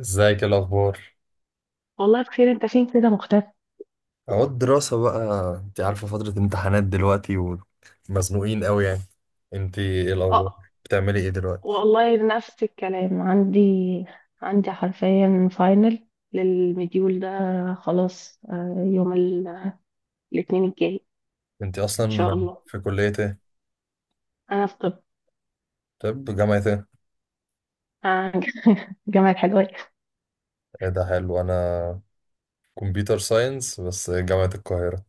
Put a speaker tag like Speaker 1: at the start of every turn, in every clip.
Speaker 1: ازيك؟ إيه الاخبار؟
Speaker 2: والله بخير، انت فين كده مختفي؟
Speaker 1: اهو الدراسة بقى. انت عارفة فترة امتحانات دلوقتي، ومزنوقين قوي يعني. انت، ايه الاخبار؟
Speaker 2: اه.
Speaker 1: بتعملي ايه دلوقتي؟
Speaker 2: والله نفس الكلام عندي حرفيا فاينل للمديول ده. خلاص يوم الاثنين الجاي
Speaker 1: انت
Speaker 2: ان
Speaker 1: اصلا
Speaker 2: شاء الله.
Speaker 1: في كلية ايه؟
Speaker 2: انا في طب.
Speaker 1: طب جامعة ايه؟
Speaker 2: آه، جامعة حلوان.
Speaker 1: إيه ده حلو، انا كمبيوتر ساينس بس جامعة القاهرة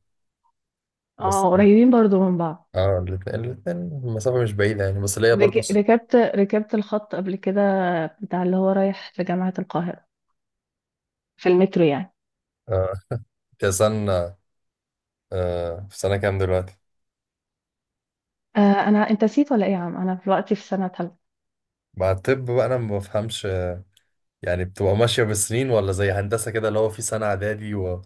Speaker 1: بس.
Speaker 2: اه قريبين برضو من بعض.
Speaker 1: اه، الاتنين المسافة مش بعيدة يعني، بس ليا برضو
Speaker 2: رك- ركبت ركبت الخط قبل كده، بتاع اللي هو رايح لجامعة القاهرة، في المترو يعني.
Speaker 1: آه. انت سنة، آه في سنة كام دلوقتي؟
Speaker 2: آه انا، انت نسيت ولا ايه يا عم؟ انا دلوقتي في سنة تالتة.
Speaker 1: مع الطب بقى انا ما بفهمش، آه، يعني بتبقى ماشية بالسنين ولا زي هندسة كده اللي هو في سنة اعدادي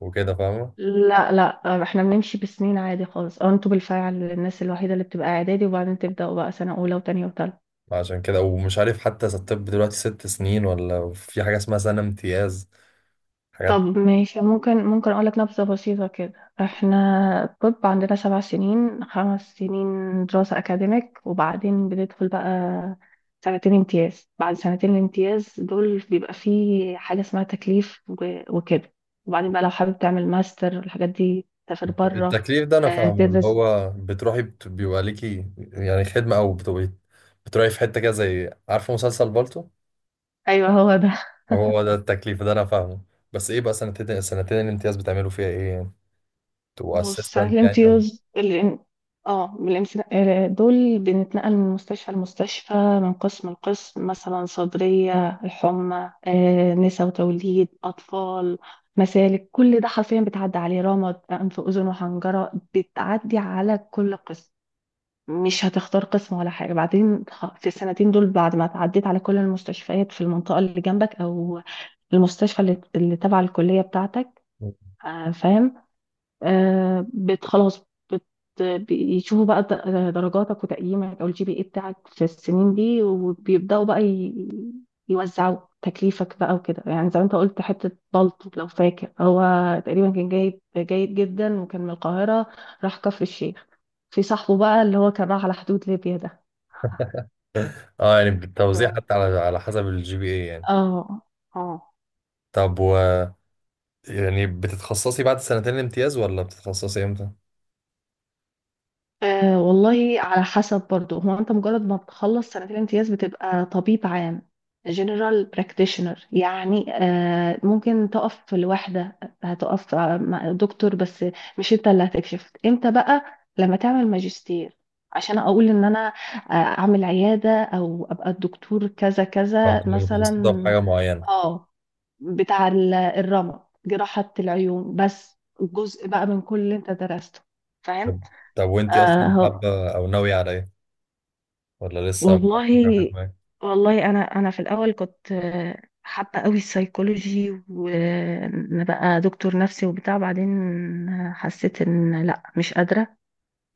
Speaker 1: وكده، فاهمة؟
Speaker 2: لا لا، احنا بنمشي بسنين عادي خالص، او انتوا بالفعل الناس الوحيده اللي بتبقى اعدادي وبعدين تبداوا بقى سنه اولى وتانية وتالتة.
Speaker 1: عشان كده ومش عارف حتى إذا الطب دلوقتي 6 سنين ولا في حاجة اسمها سنة امتياز،
Speaker 2: طب
Speaker 1: حاجات.
Speaker 2: ماشي، ممكن اقول لك نبذه بسيطه كده. احنا الطب عندنا 7 سنين، 5 سنين دراسه اكاديميك وبعدين بندخل بقى سنتين امتياز. بعد سنتين الامتياز دول بيبقى فيه حاجه اسمها تكليف وكده، وبعدين بقى لو حابب تعمل ماستر والحاجات دي تسافر بره.
Speaker 1: التكليف ده أنا فاهمه، اللي
Speaker 2: تدرس.
Speaker 1: هو بتروحي بيبقى ليكي يعني خدمة، أو بتبقي بتروحي في حتة كده، زي عارفة مسلسل بالطو.
Speaker 2: ايوه هو ده.
Speaker 1: هو ده التكليف، ده أنا فاهمه. بس إيه بقى سنتين الامتياز بتعملوا فيها إيه يعني؟ تبقوا
Speaker 2: بص، ساعات
Speaker 1: أسيستنت يعني، ولا؟
Speaker 2: الامتياز اللي اه من الامتنا- آه، دول، بنتنقل من مستشفى لمستشفى، من قسم لقسم. مثلا صدرية، الحمى، نساء وتوليد، أطفال، مسالك، كل ده حرفيا بتعدي عليه. رمد، أنف أذن وحنجرة، بتعدي على كل قسم، مش هتختار قسم ولا حاجة. بعدين في السنتين دول بعد ما تعديت على كل المستشفيات في المنطقة اللي جنبك، أو المستشفى اللي تبع الكلية بتاعتك. فاهم. بت خلاص، بت. بيشوفوا بقى درجاتك وتقييمك او الGPA بتاعك في السنين دي، وبيبداوا بقى يوزعوا تكليفك بقى وكده. يعني زي ما انت قلت، حته بلطو لو فاكر. هو تقريبا كان جايب جيد جدا، وكان من القاهره راح كفر الشيخ. في صاحبه بقى اللي هو كان راح على حدود ليبيا ده.
Speaker 1: اه، يعني بالتوزيع
Speaker 2: ف-
Speaker 1: حتى على على حسب الجي بي اي يعني.
Speaker 2: اه. اه.
Speaker 1: طب و، يعني بتتخصصي بعد سنتين الامتياز ولا بتتخصصي امتى؟
Speaker 2: والله على حسب برضو. هو انت مجرد ما بتخلص سنتين الامتياز بتبقى طبيب عام، general practitioner يعني. ممكن تقف لوحدة، هتقف مع دكتور بس، مش انت اللي هتكشف امتى بقى، لما تعمل ماجستير، عشان اقول ان انا اعمل عيادة او ابقى الدكتور كذا
Speaker 1: آه،
Speaker 2: كذا
Speaker 1: بتبقي
Speaker 2: مثلا.
Speaker 1: متخصصة في حاجة معينة.
Speaker 2: اه، بتاع الرمد، جراحة العيون، بس جزء بقى من كل اللي انت درسته.
Speaker 1: طب، طب وانت اصلا
Speaker 2: فاهم.
Speaker 1: حابه او ناويه على ايه؟ ولا لسه ما
Speaker 2: والله،
Speaker 1: فيش حاجة في دماغك؟
Speaker 2: والله انا في الاول كنت حابه قوي السيكولوجي، وان بقى دكتور نفسي وبتاع. بعدين حسيت ان لا، مش قادره.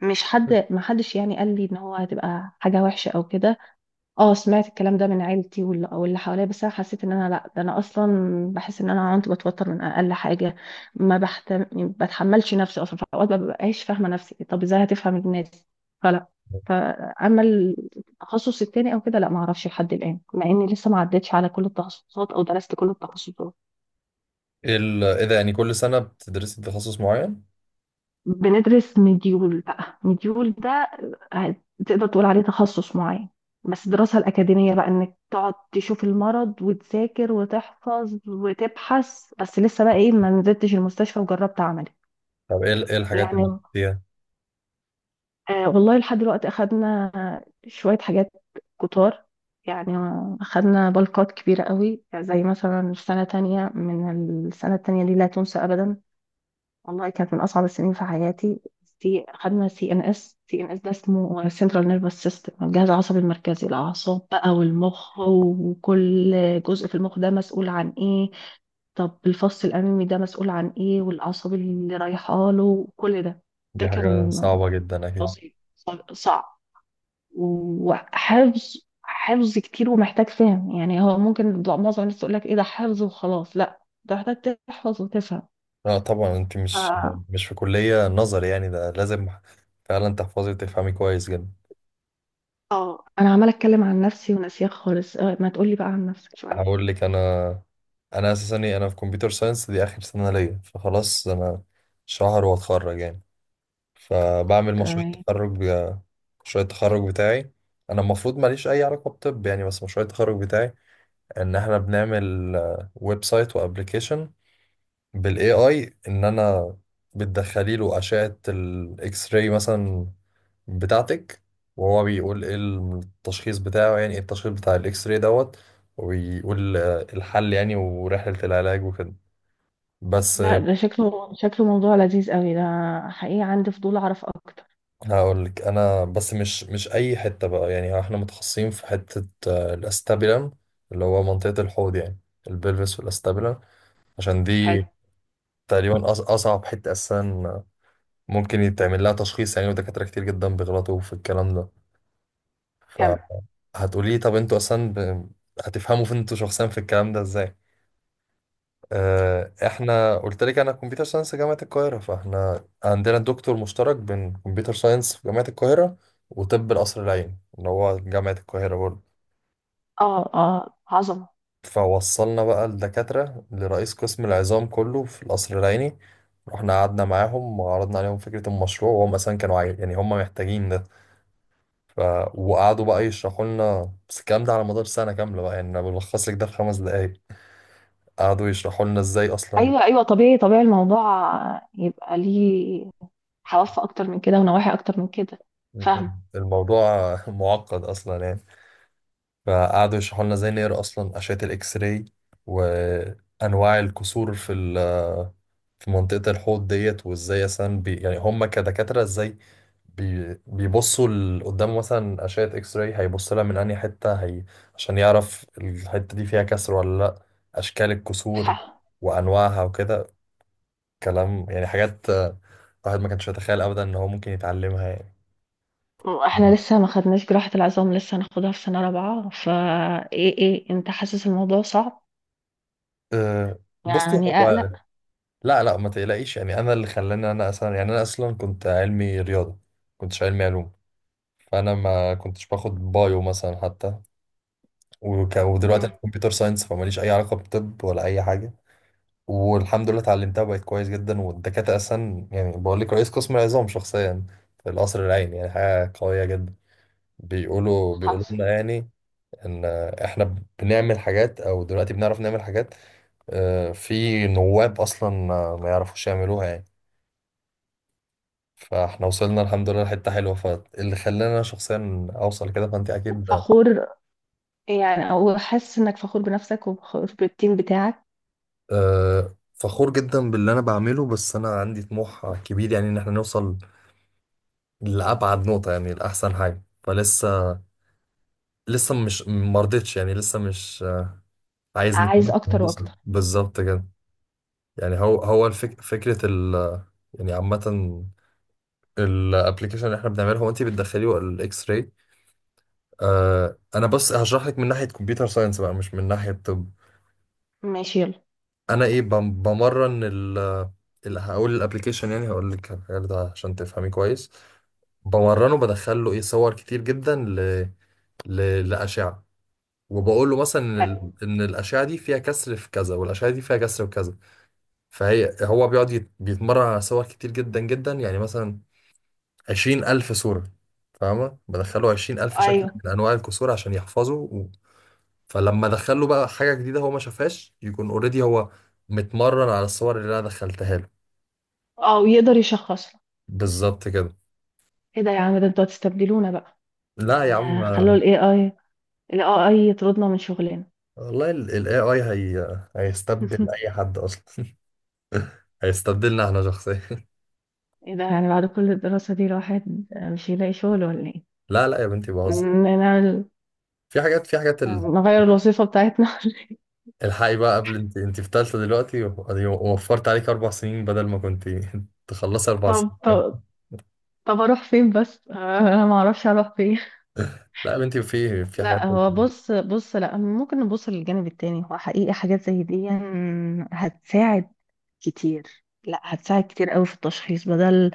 Speaker 2: مش حد، ما حدش يعني قال لي ان هو هتبقى حاجه وحشه او كده. اه سمعت الكلام ده من عيلتي واللي حواليا، بس انا حسيت ان انا لا، ده انا اصلا بحس ان انا كنت بتوتر من اقل حاجه. ما بحتم... بتحملش نفسي اصلا، في اوقات ما ببقاش فاهمه نفسي، طب ازاي هتفهم الناس؟ فلا. فاما التخصص التاني او كده، لا ما اعرفش لحد الان، مع اني لسه ما عدتش على كل التخصصات او درست كل التخصصات.
Speaker 1: ايه ايه ده، يعني كل سنه بتدرسي تخصص معين؟
Speaker 2: بندرس مديول بقى، مديول ده آه، تقدر تقول عليه تخصص معين. بس الدراسة الأكاديمية بقى، إنك تقعد تشوف المرض وتذاكر وتحفظ وتبحث بس. لسه بقى إيه، ما نزلتش المستشفى وجربت عملي
Speaker 1: طب ايه ايه الحاجات اللي
Speaker 2: يعني.
Speaker 1: بتدرسيها؟
Speaker 2: والله لحد دلوقتي أخدنا شوية حاجات كتار يعني. أخدنا بلقات كبيرة قوي، زي مثلا السنة تانية، من السنة التانية دي لا تنسى أبدا. والله كانت من اصعب السنين في حياتي. في، خدنا CNS. CNS ده اسمه سنترال نيرفس سيستم، الجهاز العصبي المركزي، الاعصاب بقى والمخ، وكل جزء في المخ ده مسؤول عن ايه. طب الفص الامامي ده مسؤول عن ايه، والاعصاب اللي رايحه له وكل ده. ده
Speaker 1: دي حاجه
Speaker 2: كان
Speaker 1: صعبه جدا اكيد.
Speaker 2: فصل صعب، وحفظ، حفظ كتير، ومحتاج فهم يعني. هو ممكن معظم الناس تقول لك ايه ده، حفظ وخلاص، لا ده محتاج تحفظ وتفهم.
Speaker 1: اه طبعا، انت مش في كليه نظري يعني، ده لازم فعلا تحفظي وتفهمي كويس جدا.
Speaker 2: اه انا عماله اتكلم عن نفسي وناسياك خالص، ما تقولي بقى عن نفسك شويه.
Speaker 1: هقول لك انا، انا اساسا إيه، انا في كمبيوتر ساينس، دي اخر سنه ليا فخلاص انا شهر واتخرج يعني، فبعمل مشروع
Speaker 2: تمام.
Speaker 1: التخرج مشروع التخرج بتاعي. انا المفروض ماليش اي علاقه بطب يعني، بس مشروع التخرج بتاعي ان احنا بنعمل ويب سايت وابلكيشن بالاي اي، ان انا بتدخلي له اشعه الاكس راي مثلا بتاعتك، وهو بيقول ايه التشخيص بتاعه، يعني ايه التشخيص بتاع الاكس راي دوت، وبيقول آه، الحل يعني ورحله العلاج وكده، بس.
Speaker 2: لا ده شكله موضوع لذيذ قوي ده، حقيقي عندي فضول اعرف اكتر.
Speaker 1: هقول لك انا، بس مش اي حته بقى يعني، احنا متخصصين في حته آه، الاستابيلم، اللي هو منطقه الحوض يعني، البلفس والاستابيلم. عشان
Speaker 2: حلو.
Speaker 1: دي تقريبا اصعب حته اساسا ممكن يتعمل لها تشخيص يعني، ودكاتره كتير جدا بيغلطوا في الكلام ده.
Speaker 2: كم؟
Speaker 1: فهتقولي طب انتوا اصلا هتفهموا فين انتوا شخصيا في الكلام ده ازاي؟ آه، احنا قلت لك انا كمبيوتر ساينس جامعة القاهرة، فاحنا عندنا دكتور مشترك بين كمبيوتر ساينس في جامعة القاهرة وطب القصر العيني اللي هو جامعة القاهرة برضه.
Speaker 2: اه اه، عظمه.
Speaker 1: فوصلنا بقى الدكاترة لرئيس قسم العظام كله في القصر العيني، رحنا قعدنا معاهم وعرضنا عليهم فكرة المشروع، وهم أساسا كانوا يعني هم محتاجين ده، ف... وقعدوا بقى يشرحوا لنا، بس الكلام ده على مدار سنة كاملة بقى يعني، أنا بلخص لك ده في 5 دقايق. قعدوا يشرحوا لنا ازاي أصلا
Speaker 2: ايوه ايوه، طبيعي طبيعي الموضوع، يبقى ليه حواف اكتر من كده ونواحي اكتر من كده. فاهم.
Speaker 1: الموضوع معقد أصلا يعني، فقعدوا يشرحوا لنا ازاي نقرا اصلا اشعه الاكس راي، وانواع الكسور في منطقه الحوض ديت، وازاي مثلا بي يعني هم كدكاتره ازاي بي بيبصوا قدام، مثلا اشعه اكس راي هيبص لها من انهي حته هي عشان يعرف الحته دي فيها كسر ولا لا، اشكال الكسور
Speaker 2: ح-
Speaker 1: وانواعها وكده كلام، يعني حاجات آه، الواحد ما كانش يتخيل ابدا ان هو ممكن يتعلمها يعني.
Speaker 2: احنا لسه ما خدناش جراحه العظام، لسه هناخدها في سنه رابعه. ايه، انت حاسس الموضوع صعب؟
Speaker 1: آه، بصوا
Speaker 2: يعني اقلق؟
Speaker 1: هو، لا لا ما تقلقيش يعني، انا اللي خلاني انا اصلا يعني، انا اصلا كنت علمي رياضه، كنتش علمي علوم، فانا ما كنتش باخد بايو مثلا حتى، ودلوقتي
Speaker 2: مم.
Speaker 1: انا كمبيوتر ساينس فماليش اي علاقه بطب ولا اي حاجه. والحمد لله اتعلمتها بقت كويس جدا، والدكاتره اصلا يعني بقول لك رئيس قسم العظام شخصيا في القصر العيني، يعني حاجه قويه جدا. بيقولوا
Speaker 2: حاسس.
Speaker 1: لنا يعني ان احنا بنعمل حاجات، او دلوقتي بنعرف نعمل حاجات، آه، في نواب اصلا ما يعرفوش يعملوها يعني. فاحنا وصلنا الحمد لله لحتة حلوة، فاللي خلاني انا شخصيا اوصل كده، فانت اكيد
Speaker 2: فخور يعني، او حاسس انك فخور بنفسك وفخور بالتيم بتاعك؟
Speaker 1: آه، فخور جدا باللي انا بعمله، بس انا عندي طموح كبير يعني، ان احنا نوصل لابعد نقطة يعني لاحسن حاجة، فلسه لسه مش مرضتش يعني، لسه مش آه، عايز
Speaker 2: عايز
Speaker 1: نكمل في
Speaker 2: اكتر
Speaker 1: الهندسة
Speaker 2: واكتر.
Speaker 1: بالظبط كده يعني. هو هو الفك فكرة ال، يعني عامة الابلكيشن اللي احنا بنعمله، هو انت بتدخليه الاكس راي، آه، انا بس هشرح لك من ناحية كمبيوتر ساينس بقى مش من ناحية طب.
Speaker 2: ماشي يلا.
Speaker 1: انا ايه بمرن ال، اللي هقول الابلكيشن يعني، هقول لك الحاجات ده عشان تفهمي كويس. بمرنه بدخل له ايه صور كتير جدا لاشعه، وبقول له مثلا ان
Speaker 2: حلو.
Speaker 1: إن الاشعه دي فيها كسر في كذا، والاشعه دي فيها كسر في كذا. فهي، هو بيقعد بيتمرن على صور كتير جدا جدا يعني، مثلا 20,000 صوره، فاهمه، بدخله 20,000 شكل
Speaker 2: ايوه.
Speaker 1: من انواع الكسور عشان يحفظه فلما ادخله بقى حاجه جديده هو ما شافهاش، يكون اوريدي هو متمرن على الصور اللي انا دخلتها له،
Speaker 2: اه، يقدر يشخص لك.
Speaker 1: بالظبط كده.
Speaker 2: ايه ده يا عم، ده انتوا هتستبدلونا بقى؟
Speaker 1: لا يا عم،
Speaker 2: يعني خلوا الAI، الAI يطردنا من شغلنا.
Speaker 1: والله ال AI هي هيستبدل أي حد أصلا، هيستبدلنا احنا شخصيا
Speaker 2: ايه ده؟ يعني بعد كل الدراسة دي الواحد مش هيلاقي شغل ولا ايه؟
Speaker 1: لا لا يا بنتي بهزر،
Speaker 2: نعمل،
Speaker 1: في حاجات
Speaker 2: نغير الوظيفة بتاعتنا.
Speaker 1: الحقي بقى قبل، انت في تالتة دلوقتي أدي وفرت عليك 4 سنين بدل ما كنت تخلصي أربع
Speaker 2: طب
Speaker 1: سنين
Speaker 2: طب. طب اروح فين بس؟ انا ما اعرفش اروح فين.
Speaker 1: لا يا بنتي في حاجات.
Speaker 2: لا، هو بص بص، لا ممكن نبص للجانب التاني. هو حقيقي حاجات زي دي يعني هتساعد كتير. لا، هتساعد كتير قوي في التشخيص، بدل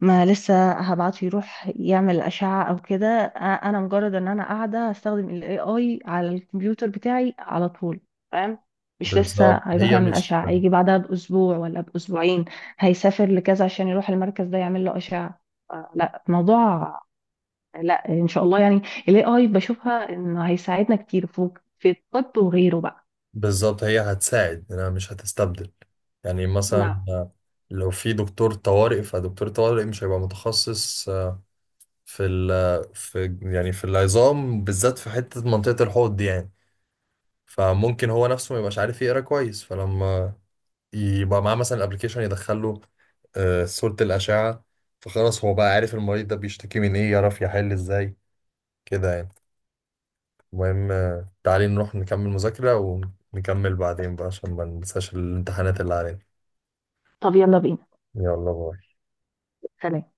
Speaker 2: ما لسه هبعته يروح يعمل أشعة او كده. انا مجرد ان انا قاعدة هستخدم ال AI على الكمبيوتر بتاعي على طول، فاهم. مش لسه
Speaker 1: بالظبط
Speaker 2: هيروح
Speaker 1: هي
Speaker 2: يعمل
Speaker 1: مش
Speaker 2: أشعة، هيجي بعدها بأسبوع ولا بأسبوعين، هيسافر لكذا عشان يروح المركز ده يعمل له أشعة. لا الموضوع، لا ان شاء الله يعني، الAI بشوفها انه هيساعدنا كتير في الطب وغيره بقى.
Speaker 1: بالظبط هي هتساعد، أنا مش هتستبدل. يعني
Speaker 2: نعم.
Speaker 1: مثلا لو في دكتور طوارئ، فدكتور طوارئ مش هيبقى متخصص في ال في يعني في العظام بالذات في حتة منطقة الحوض دي يعني، فممكن هو نفسه ما يبقاش عارف يقرا كويس، فلما يبقى معاه مثلا الابلكيشن يدخله آه، صورة الأشعة، فخلاص هو بقى عارف المريض ده بيشتكي من إيه، يعرف يحل إزاي كده يعني. المهم آه، تعالي نروح نكمل مذاكرة، ونكمل بعدين بقى عشان ما ننساش الامتحانات اللي علينا.
Speaker 2: طب يلا بينا.
Speaker 1: يلا، باي.
Speaker 2: سلام.